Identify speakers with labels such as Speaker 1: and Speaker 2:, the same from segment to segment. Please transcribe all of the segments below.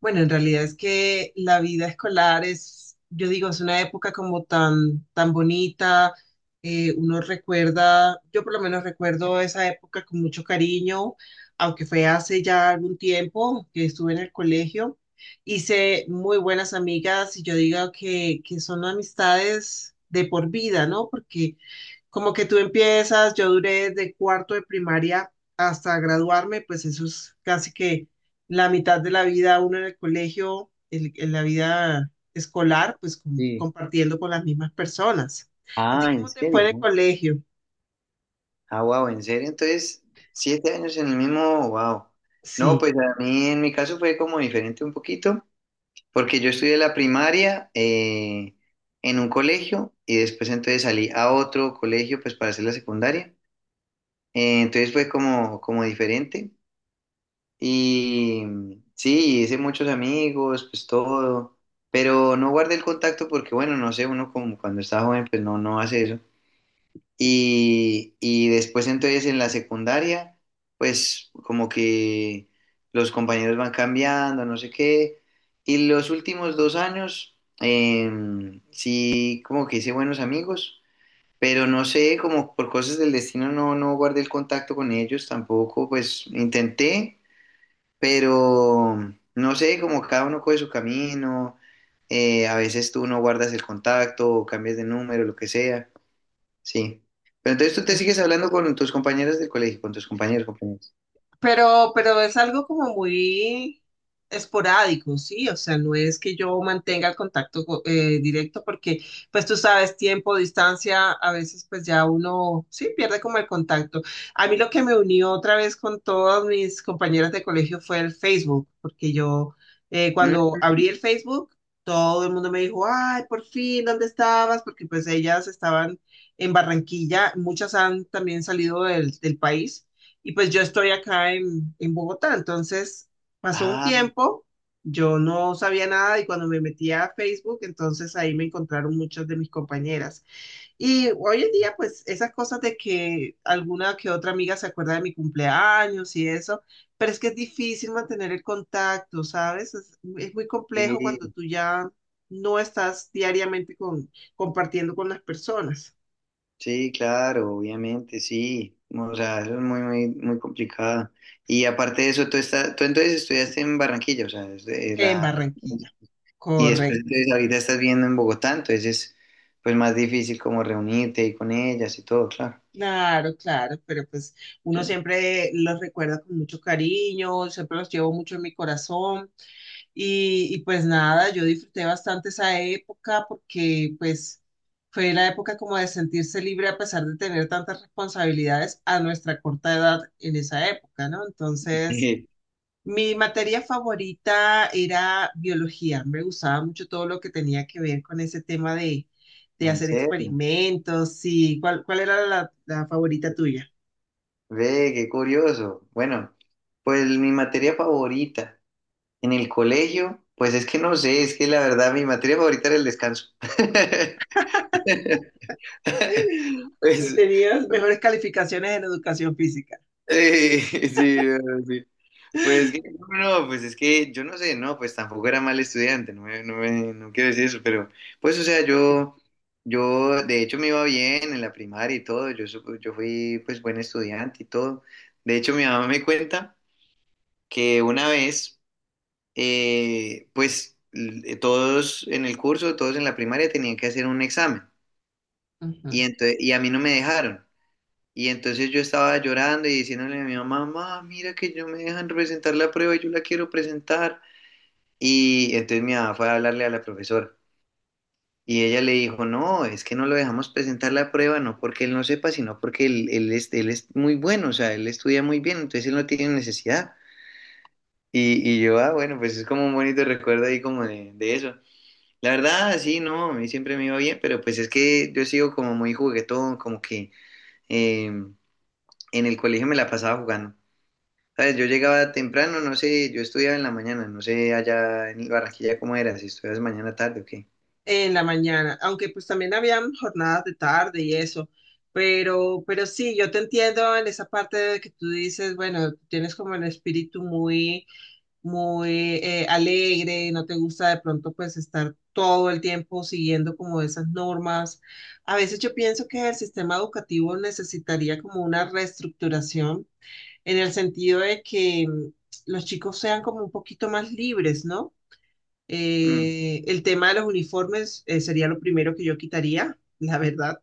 Speaker 1: Bueno, en realidad es que la vida escolar es, yo digo, es una época como tan bonita. Uno recuerda, yo por lo menos recuerdo esa época con mucho cariño, aunque fue hace ya algún tiempo que estuve en el colegio. Hice muy buenas amigas y yo digo que son amistades de por vida, ¿no? Porque como que tú empiezas, yo duré de cuarto de primaria hasta graduarme, pues eso es casi que la mitad de la vida uno en el colegio, en la vida escolar, pues
Speaker 2: Sí.
Speaker 1: compartiendo con las mismas personas. ¿A ti
Speaker 2: Ah, ¿en
Speaker 1: cómo te fue en
Speaker 2: serio?
Speaker 1: el
Speaker 2: ¿No?
Speaker 1: colegio?
Speaker 2: Ah, wow, ¿en serio? Entonces, 7 años en el mismo, wow. No,
Speaker 1: Sí,
Speaker 2: pues a mí en mi caso fue como diferente un poquito, porque yo estudié la primaria en un colegio y después entonces salí a otro colegio pues para hacer la secundaria. Entonces fue como, como diferente y sí, hice muchos amigos, pues todo, pero no guardé el contacto porque bueno, no sé, uno como cuando está joven pues no, no hace eso. Y después entonces en la secundaria, pues como que los compañeros van cambiando, no sé qué. Y los últimos 2 años, sí, como que hice buenos amigos, pero no sé, como por cosas del destino no, no guardé el contacto con ellos tampoco, pues intenté, pero no sé, como cada uno coge su camino, a veces tú no guardas el contacto o cambias de número, lo que sea. Sí. Pero entonces tú
Speaker 1: eso
Speaker 2: te
Speaker 1: es.
Speaker 2: sigues hablando con tus compañeras del colegio, con tus compañeros, compañeras.
Speaker 1: Pero es algo como muy esporádico, ¿sí? O sea, no es que yo mantenga el contacto directo porque, pues tú sabes, tiempo, distancia, a veces pues ya uno, sí, pierde como el contacto. A mí lo que me unió otra vez con todas mis compañeras de colegio fue el Facebook, porque yo cuando
Speaker 2: ¿Mm?
Speaker 1: abrí el Facebook, todo el mundo me dijo, ay, por fin, ¿dónde estabas? Porque pues ellas estaban en Barranquilla, muchas han también salido del país. Y pues yo estoy acá en Bogotá, entonces pasó un
Speaker 2: Ah,
Speaker 1: tiempo, yo no sabía nada y cuando me metí a Facebook, entonces ahí me encontraron muchas de mis compañeras. Y hoy en día, pues esas cosas de que alguna que otra amiga se acuerda de mi cumpleaños y eso, pero es que es difícil mantener el contacto, ¿sabes? Es muy complejo cuando
Speaker 2: sí,
Speaker 1: tú ya no estás diariamente con, compartiendo con las personas
Speaker 2: sí, claro, obviamente, sí. O sea, eso es muy, muy, muy complicado. Y aparte de eso, tú estás, tú entonces estudiaste en Barranquilla, o sea, es de-
Speaker 1: en
Speaker 2: la-
Speaker 1: Barranquilla.
Speaker 2: y después entonces ahorita estás viviendo en Bogotá, entonces es pues más difícil como reunirte y con ellas y todo, claro.
Speaker 1: Claro, claro, pero pues uno
Speaker 2: Sí.
Speaker 1: siempre los recuerda con mucho cariño, siempre los llevo mucho en mi corazón y pues nada, yo disfruté bastante esa época porque pues fue la época como de sentirse libre a pesar de tener tantas responsabilidades a nuestra corta edad en esa época, ¿no? Entonces... Mi materia favorita era biología. Me gustaba mucho todo lo que tenía que ver con ese tema de
Speaker 2: En
Speaker 1: hacer
Speaker 2: serio,
Speaker 1: experimentos. Y ¿cuál era la favorita tuya?
Speaker 2: ve, qué curioso. Bueno, pues mi materia favorita. En el colegio, pues es que no sé, es que la verdad mi materia favorita era el descanso.
Speaker 1: Y
Speaker 2: Pues,
Speaker 1: tenías mejores calificaciones en educación física.
Speaker 2: eh, sí, no, sí. Pues que, no, no, no, pues es que yo no sé, no, pues tampoco era mal estudiante, no, me- no, me- no quiero decir eso, pero pues o sea, yo de hecho me iba bien en la primaria y todo, yo, supo- yo fui pues buen estudiante y todo. De hecho mi mamá me cuenta que una vez... todos en el curso, todos en la primaria tenían que hacer un examen y,
Speaker 1: Ujú.
Speaker 2: entonces, y a mí no me dejaron. Y entonces yo estaba llorando y diciéndole a mi mamá, mamá, mira que yo me dejan presentar la prueba y yo la quiero presentar. Y entonces mi mamá fue a hablarle a la profesora y ella le dijo, no, es que no lo dejamos presentar la prueba, no porque él no sepa, sino porque él, él es muy bueno, o sea, él estudia muy bien, entonces él no tiene necesidad. Y yo, ah, bueno, pues es como un bonito recuerdo ahí como de eso. La verdad, sí, no, a mí siempre me iba bien, pero pues es que yo sigo como muy juguetón, como que en el colegio me la pasaba jugando. ¿Sabes? Yo llegaba temprano, no sé, yo estudiaba en la mañana, no sé allá en Barranquilla cómo era, si estudias mañana tarde o qué.
Speaker 1: En la mañana, aunque pues también habían jornadas de tarde y eso, pero sí, yo te entiendo en esa parte de que tú dices, bueno, tienes como el espíritu muy alegre, no te gusta de pronto pues estar todo el tiempo siguiendo como esas normas. A veces yo pienso que el sistema educativo necesitaría como una reestructuración en el sentido de que los chicos sean como un poquito más libres, ¿no?
Speaker 2: Mm,
Speaker 1: El tema de los uniformes sería lo primero que yo quitaría, la verdad.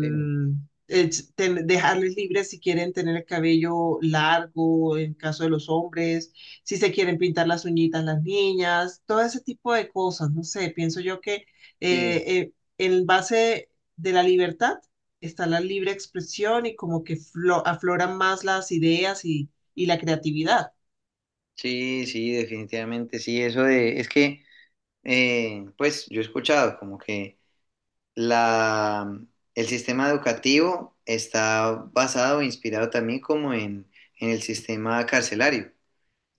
Speaker 2: sí,
Speaker 1: es dejarles libres si quieren tener el cabello largo, en caso de los hombres, si se quieren pintar las uñitas las niñas, todo ese tipo de cosas, no sé, pienso yo que
Speaker 2: sí,
Speaker 1: en base de la libertad está la libre expresión y como que afloran más las ideas y la creatividad.
Speaker 2: sí, sí, definitivamente, sí, eso de, es que, pues yo he escuchado como que la, el sistema educativo está basado, inspirado también como en el sistema carcelario.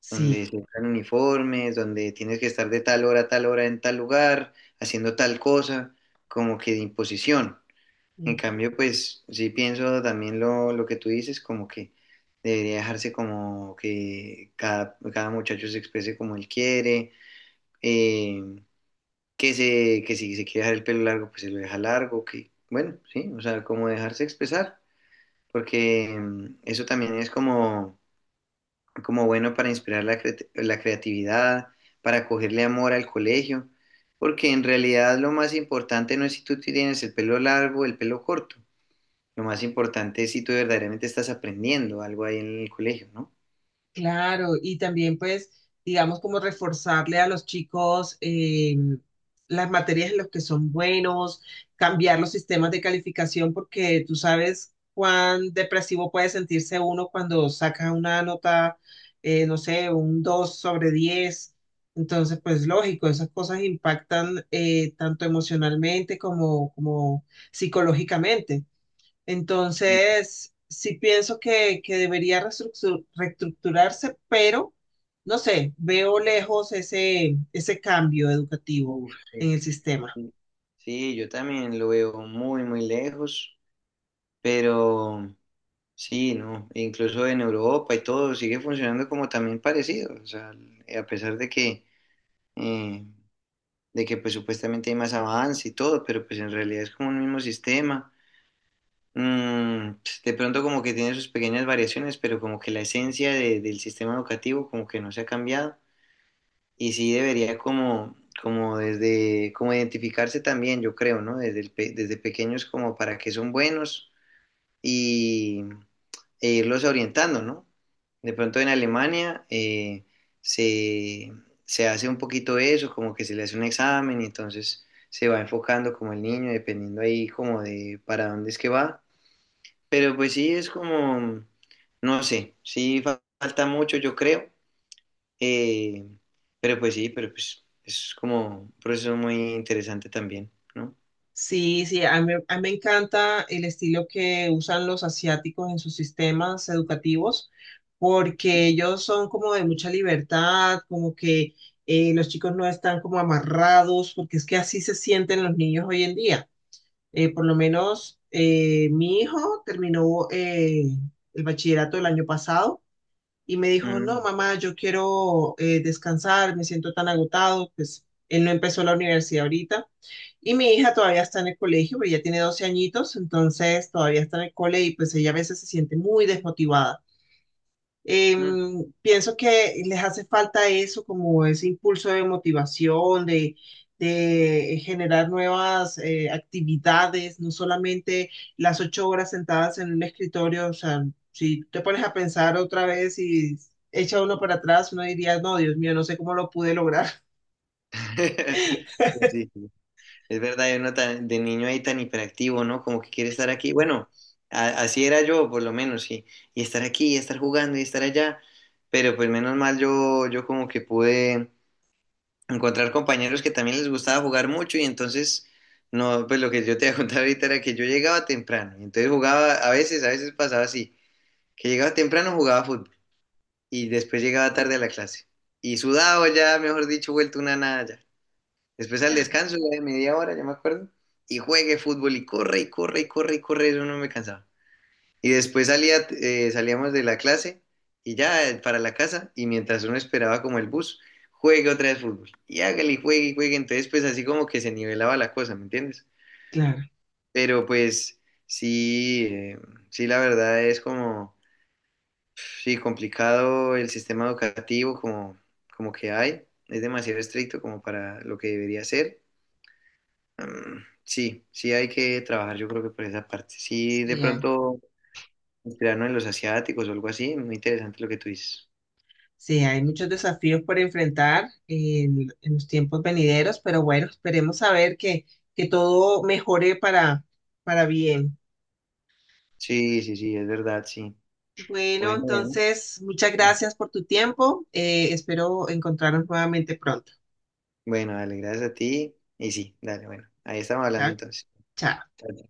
Speaker 1: Sí.
Speaker 2: Donde se usan uniformes, donde tienes que estar de tal hora a tal hora en tal lugar, haciendo tal cosa, como que de imposición. En
Speaker 1: Ujú.
Speaker 2: cambio, pues sí pienso también lo que tú dices, como que debería dejarse como que cada, cada muchacho se exprese como él quiere, eh, que, se, que si se quiere dejar el pelo largo, pues se lo deja largo, que bueno, sí, o sea, como dejarse expresar, porque eso también es como como bueno para inspirar la, creati- la creatividad, para cogerle amor al colegio, porque en realidad lo más importante no es si tú tienes el pelo largo o el pelo corto, lo más importante es si tú verdaderamente estás aprendiendo algo ahí en el colegio, ¿no?
Speaker 1: Claro, y también pues, digamos, como reforzarle a los chicos las materias en las que son buenos, cambiar los sistemas de calificación, porque tú sabes cuán depresivo puede sentirse uno cuando saca una nota, no sé, un 2 sobre 10. Entonces, pues lógico, esas cosas impactan tanto emocionalmente como, como psicológicamente.
Speaker 2: Sí,
Speaker 1: Entonces, sí pienso que debería reestructurarse, pero no sé, veo lejos ese cambio educativo
Speaker 2: uf,
Speaker 1: en
Speaker 2: sí,
Speaker 1: el sistema.
Speaker 2: sí. Sí, yo también lo veo muy, muy lejos, pero sí, ¿no? Incluso en Europa y todo sigue funcionando como también parecido, o sea, a pesar eh, de que pues supuestamente hay más avance y todo, pero pues en realidad es como un mismo sistema. Pues, de pronto como que tiene sus pequeñas variaciones, pero como que la esencia de- del sistema educativo como que no se ha cambiado y sí debería como, como desde, como identificarse también, yo creo, ¿no? Desde, el pe- desde pequeños como para qué son buenos y, e irlos orientando, ¿no? De pronto en Alemania se, se hace un poquito eso, como que se le hace un examen y entonces se va enfocando como el niño, dependiendo ahí como de para dónde es que va. Pero pues sí, es como, no sé, sí fa- falta mucho, yo creo. Eh, pero pues sí, pero pues es como un proceso muy interesante también, ¿no?
Speaker 1: Sí, sí, a mí me encanta el estilo que usan los asiáticos en sus sistemas educativos, porque ellos son como de mucha libertad, como que los chicos no están como amarrados, porque es que así se sienten los niños hoy en día. Por lo menos mi hijo terminó el bachillerato el año pasado y me dijo, no,
Speaker 2: Mm,
Speaker 1: mamá, yo quiero descansar, me siento tan agotado, pues él no empezó la universidad ahorita. Y mi hija todavía está en el colegio, pero ya tiene 12 añitos, entonces todavía está en el cole y pues ella a veces se siente muy desmotivada.
Speaker 2: mm.
Speaker 1: Pienso que les hace falta eso, como ese impulso de motivación, de generar nuevas actividades, no solamente las 8 horas sentadas en un escritorio. O sea, si te pones a pensar otra vez y echa uno para atrás, uno diría, no, Dios mío, no sé cómo lo pude lograr.
Speaker 2: Pues sí. Sí. Es verdad, uno tan- de niño ahí tan hiperactivo, ¿no? Como que quiere estar aquí. Bueno, a- así era yo, por lo menos, y estar aquí, y estar jugando, y estar allá. Pero pues menos mal yo, yo como que pude encontrar compañeros que también les gustaba jugar mucho, y entonces, no, pues lo que yo te iba a contar ahorita era que yo llegaba temprano, y entonces jugaba, a veces pasaba así, que llegaba temprano, jugaba fútbol, y después llegaba tarde a la clase. Y sudado ya, mejor dicho, vuelto una nada ya. Después al descanso, ya de media hora, ya me acuerdo, y juegue fútbol y corre y corre y corre y corre, eso no me cansaba. Y después salía, salíamos de la clase y ya para la casa, y mientras uno esperaba como el bus, juegue otra vez fútbol. Y hágale y juegue, entonces pues así como que se nivelaba la cosa, ¿me entiendes?
Speaker 1: Claro.
Speaker 2: Pero pues sí, sí la verdad es como, sí, complicado el sistema educativo como, como que hay, es demasiado estricto como para lo que debería ser. Sí, sí hay que trabajar yo creo que por esa parte. Sí, de
Speaker 1: Sí,
Speaker 2: pronto inspirarnos en los asiáticos o algo así, muy interesante lo que tú dices.
Speaker 1: sí, hay muchos desafíos por enfrentar en los tiempos venideros, pero bueno, esperemos a ver que todo mejore para bien.
Speaker 2: Sí, sí, sí, es verdad, sí.
Speaker 1: Bueno,
Speaker 2: Bueno, bueno.
Speaker 1: entonces, muchas gracias por tu tiempo. Espero encontrarnos nuevamente pronto.
Speaker 2: Bueno, dale, gracias a ti. Y sí, dale, bueno. Ahí estamos hablando
Speaker 1: Chao.
Speaker 2: entonces.
Speaker 1: Chao.
Speaker 2: Chao,